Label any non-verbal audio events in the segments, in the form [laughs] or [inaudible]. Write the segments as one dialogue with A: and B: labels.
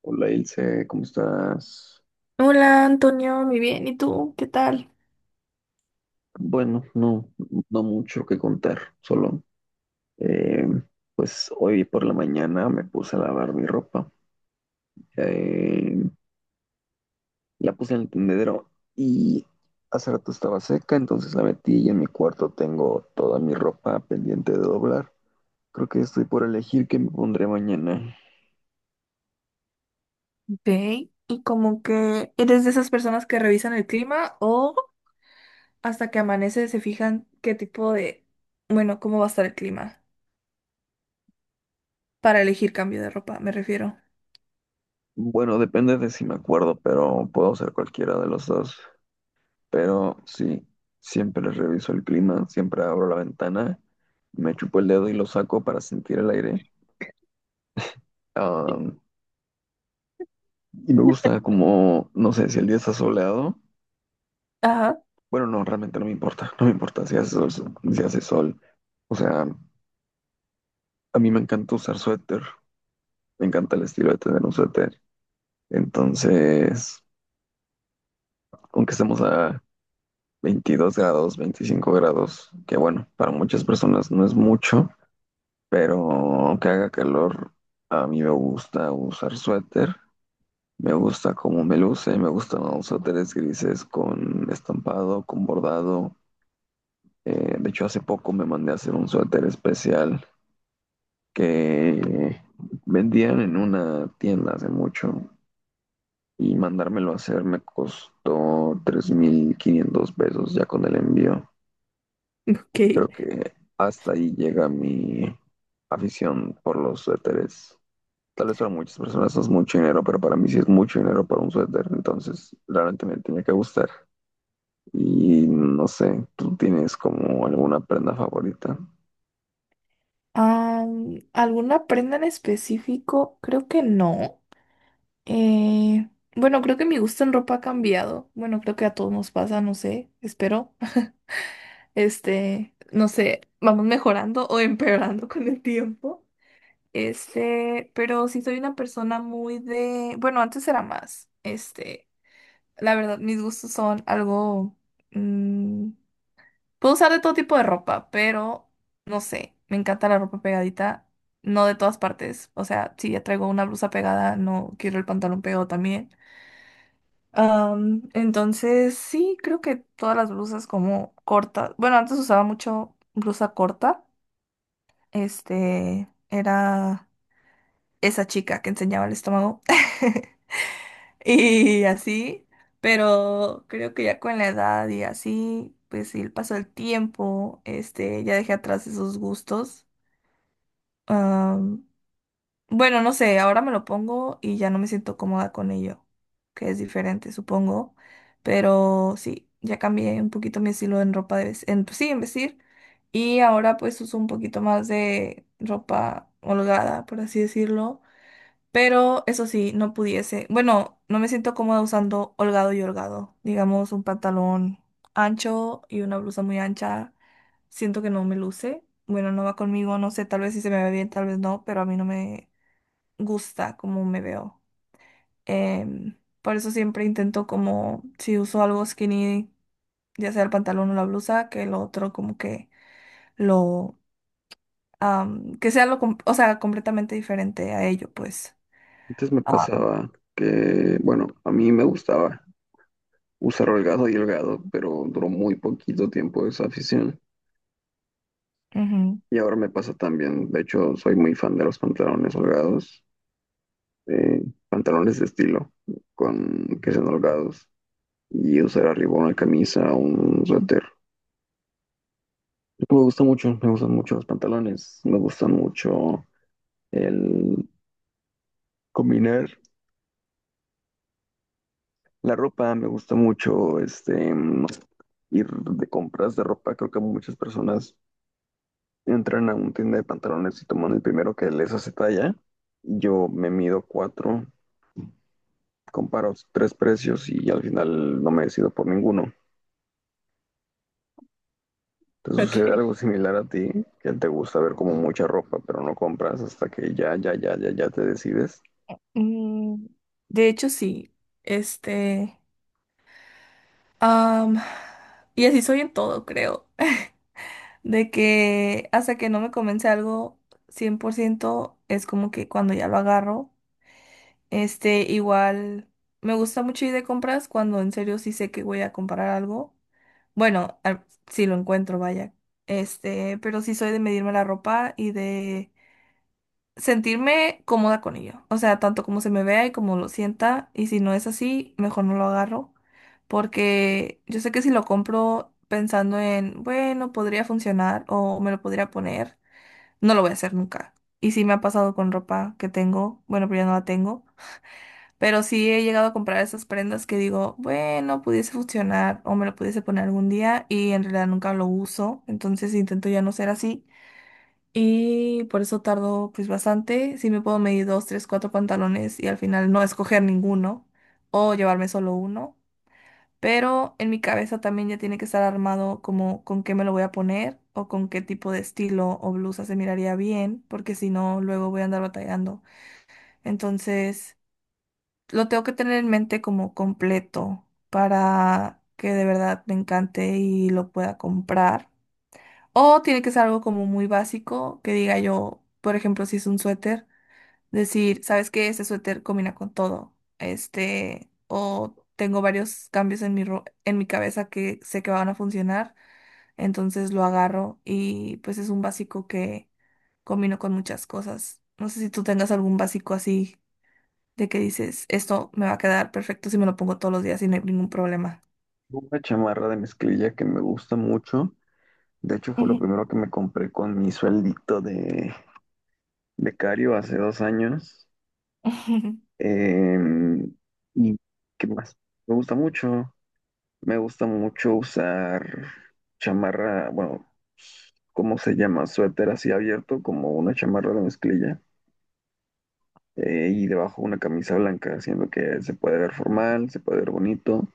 A: Hola Ilse, ¿cómo estás?
B: Hola Antonio, muy bien. ¿Y tú? ¿Qué tal?
A: Bueno, no, no mucho que contar, solo eh, pues hoy por la mañana me puse a lavar mi ropa, eh, la puse en el tendedero y hace rato estaba seca, entonces la metí y en mi cuarto tengo toda mi ropa pendiente de doblar. Creo que estoy por elegir qué me pondré mañana.
B: Ok. ¿Y como que eres de esas personas que revisan el clima o hasta que amanece se fijan qué tipo de, bueno, cómo va a estar el clima para elegir cambio de ropa, me refiero?
A: Bueno, depende de si me acuerdo, pero puedo hacer cualquiera de los dos. Pero sí, siempre reviso el clima, siempre abro la ventana, me chupo el dedo y lo saco para sentir el aire. Am, y me gusta como, no sé, si el día está soleado.
B: Ajá.
A: Bueno, no, realmente no me importa, no me importa si hace sol, si hace sol. O sea, a mí me encanta usar suéter, me encanta el estilo de tener un suéter. Entonces, aunque estemos a 22 grados, 25 grados, que bueno, para muchas personas no es mucho. Pero aunque haga calor, a mí me gusta usar suéter. Me gusta cómo me luce, me gustan los suéteres grises con estampado, con bordado. De hecho, hace poco me mandé a hacer un suéter especial que vendían en una tienda hace mucho y mandármelo a hacer me costó 3,500 pesos ya con el envío.
B: [laughs] Ok.
A: Creo que hasta ahí llega mi afición por los suéteres. Tal vez para muchas personas no es mucho dinero, pero para mí sí es mucho dinero para un suéter, entonces realmente me tenía que gustar. Y no sé, ¿tú tienes como alguna prenda favorita?
B: ¿Alguna prenda en específico? Creo que no. Eh, bueno, creo que mi gusto en ropa ha cambiado. Bueno, creo que a todos nos pasa, no sé, espero. [laughs] Este, no sé, vamos mejorando o empeorando con el tiempo. Este, pero sí soy una persona muy de, bueno, antes era más, este, la verdad, mis gustos son algo, mm, puedo usar de todo tipo de ropa, pero no sé, me encanta la ropa pegadita, no de todas partes, o sea, si ya traigo una blusa pegada, no quiero el pantalón pegado también. Entonces, sí, creo que todas las blusas como cortas, bueno, antes usaba mucho blusa corta, este, esa chica que enseñaba el estómago. [laughs] Y así, pero creo que ya con la edad y así, pues y el paso del tiempo, este, ya dejé atrás esos gustos. Am, bueno, no sé, ahora me lo pongo y ya no me siento cómoda con ello, que es diferente, supongo. Pero sí, ya cambié un poquito mi estilo en ropa de vestir, en, pues sí, en vestir. Y ahora pues uso un poquito más de ropa holgada, por así decirlo, pero eso sí, no pudiese. Bueno, no me siento cómoda usando holgado y holgado. Digamos, un pantalón ancho y una blusa muy ancha. Siento que no me luce. Bueno, no va conmigo, no sé, tal vez si se me ve bien, tal vez no, pero a mí no me gusta cómo me veo. Em, por eso siempre intento como, si uso algo skinny, ya sea el pantalón o la blusa, que lo otro como que lo, que sea lo, o sea, completamente diferente a ello, pues.
A: Antes me
B: Ah,
A: pasaba que, bueno, a mí me gustaba usar holgado y holgado, pero duró muy poquito tiempo esa afición.
B: ujú.
A: Y ahora me pasa también, de hecho, soy muy fan de los pantalones holgados, eh, pantalones de estilo, con que sean holgados, y usar arriba una camisa, o un suéter. Pues, me gusta mucho, me gustan mucho los pantalones, me gusta mucho el combinar la ropa, me gusta mucho ir de compras de ropa. Creo que muchas personas entran a una tienda de pantalones y toman el primero que les hace talla. Yo me mido cuatro, comparo tres precios y al final no me decido por ninguno. ¿Te
B: Ok.
A: sucede algo similar a ti? Que te gusta ver como mucha ropa, pero no compras hasta que ya, ya, ya, ya, ya te decides.
B: Mm, de hecho, sí. Este, am, y así soy en todo, creo. [laughs] De que hasta que no me convence algo 100% es como que cuando ya lo agarro, este, igual me gusta mucho ir de compras cuando en serio sí sé que voy a comprar algo. Bueno, si lo encuentro, vaya. Este, pero sí soy de medirme la ropa y de sentirme cómoda con ello. O sea, tanto como se me vea y como lo sienta. Y si no es así, mejor no lo agarro. Porque yo sé que si lo compro pensando en, bueno, podría funcionar o me lo podría poner, no lo voy a hacer nunca. Y sí me ha pasado con ropa que tengo, bueno, pero ya no la tengo. Pero sí he llegado a comprar esas prendas que digo, bueno, pudiese funcionar o me lo pudiese poner algún día y en realidad nunca lo uso. Entonces intento ya no ser así. Y por eso tardo pues bastante. Sí me puedo medir dos, tres, cuatro pantalones y al final no escoger ninguno o llevarme solo uno. Pero en mi cabeza también ya tiene que estar armado como con qué me lo voy a poner o con qué tipo de estilo o blusa se miraría bien, porque si no, luego voy a andar batallando. Entonces, lo tengo que tener en mente como completo para que de verdad me encante y lo pueda comprar. O tiene que ser algo como muy básico, que diga yo, por ejemplo, si es un suéter, decir, ¿sabes qué? Este suéter combina con todo. Este, o tengo varios cambios en en mi cabeza que sé que van a funcionar, entonces lo agarro y pues es un básico que combino con muchas cosas. No sé si tú tengas algún básico así de que dices, esto me va a quedar perfecto si me lo pongo todos los días y no hay ningún problema.
A: Una chamarra de mezclilla que me gusta mucho. De hecho, fue lo
B: Ujú.
A: primero que me compré con mi sueldito de becario hace 2 años.
B: [laughs]
A: Em, ¿Y qué más? Me gusta mucho. Me gusta mucho usar chamarra, bueno, ¿cómo se llama? Suéter así abierto, como una chamarra de mezclilla. Y debajo una camisa blanca, haciendo que se puede ver formal, se puede ver bonito.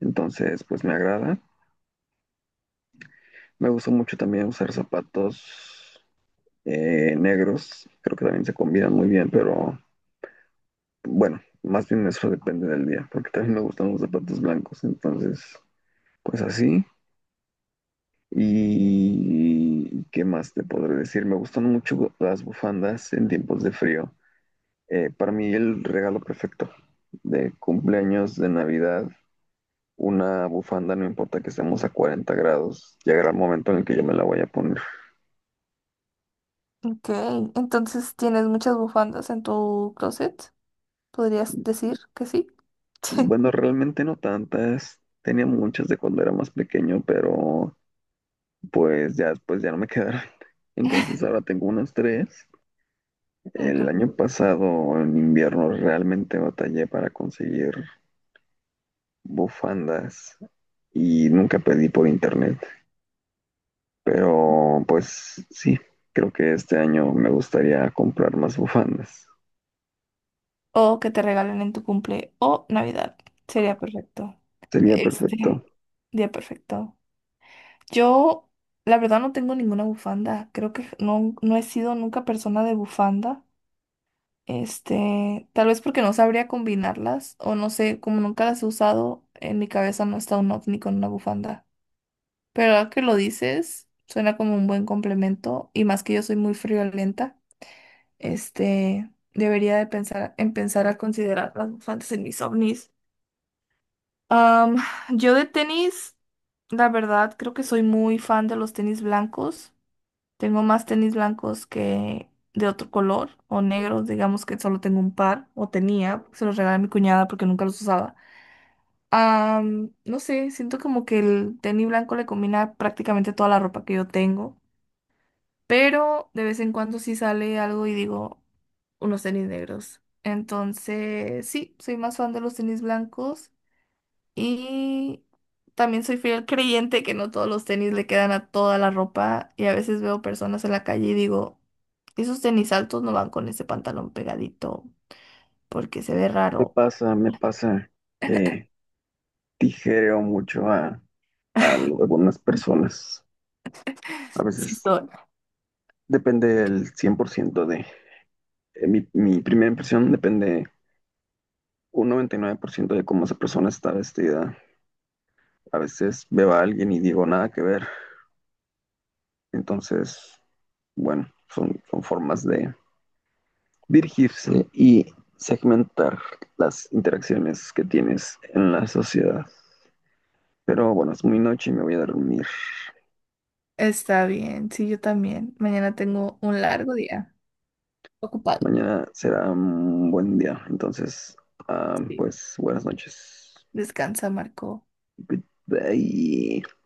A: Entonces, pues me agrada. Me gusta mucho también usar zapatos negros, creo que también se combinan muy bien, pero bueno, más bien eso depende del día, porque también me gustan los zapatos blancos, entonces, pues así. ¿Y qué más te podré decir? Me gustan mucho las bufandas en tiempos de frío. Para mí el regalo perfecto de cumpleaños, de Navidad, una bufanda, no importa que estemos a 40 grados, llegará el momento en el que yo me la voy a poner.
B: Ok, entonces tienes muchas bufandas en tu closet. ¿Podrías decir que sí? [laughs]
A: Bueno, realmente no tantas, tenía muchas de cuando era más pequeño, pero pues ya después ya no me quedaron. [laughs] Entonces ahora tengo unas tres. El
B: Ok.
A: año pasado, en invierno, realmente batallé para conseguir bufandas y nunca pedí por internet. Pero pues sí, creo que este año me gustaría comprar más bufandas.
B: O que te regalen en tu cumple o Navidad. Sería perfecto.
A: Sería
B: Este,
A: perfecto.
B: día perfecto. Yo, la verdad, no tengo ninguna bufanda. Creo que no, no he sido nunca persona de bufanda. Este, tal vez porque no sabría combinarlas o no sé, como nunca las he usado, en mi cabeza no está un ovni con una bufanda. Pero ahora que lo dices, suena como un buen complemento y más que yo soy muy friolenta, este, debería de pensar, empezar a considerar las bufandas en mis ovnis. Am, yo de tenis, la verdad, creo que soy muy fan de los tenis blancos. Tengo más tenis blancos que de otro color o negros, digamos que solo tengo un par o tenía, se los regalé a mi cuñada porque nunca los usaba. No sé, siento como que el tenis blanco le combina prácticamente toda la ropa que yo tengo. Pero de vez en cuando sí sale algo y digo unos tenis negros. Entonces, sí, soy más fan de los tenis blancos y también soy fiel creyente que no todos los tenis le quedan a toda la ropa y a veces veo personas en la calle y digo, esos tenis altos no van con ese pantalón pegadito porque se ve raro.
A: Me pasa que tijereo mucho a algunas personas. A
B: Sí,
A: veces
B: son.
A: depende del 100% de... mi primera impresión depende un 99% de cómo esa persona está vestida. A veces veo a alguien y digo nada que ver. Entonces, bueno, son formas de dirigirse y segmentar las interacciones que tienes en la sociedad. Pero bueno, es muy noche y me voy a dormir.
B: Está bien, sí, yo también. Mañana tengo un largo día. Ocupado.
A: Mañana será un buen día. Entonces, ah,
B: Sí.
A: pues buenas noches.
B: Descansa, Marco.
A: Good day.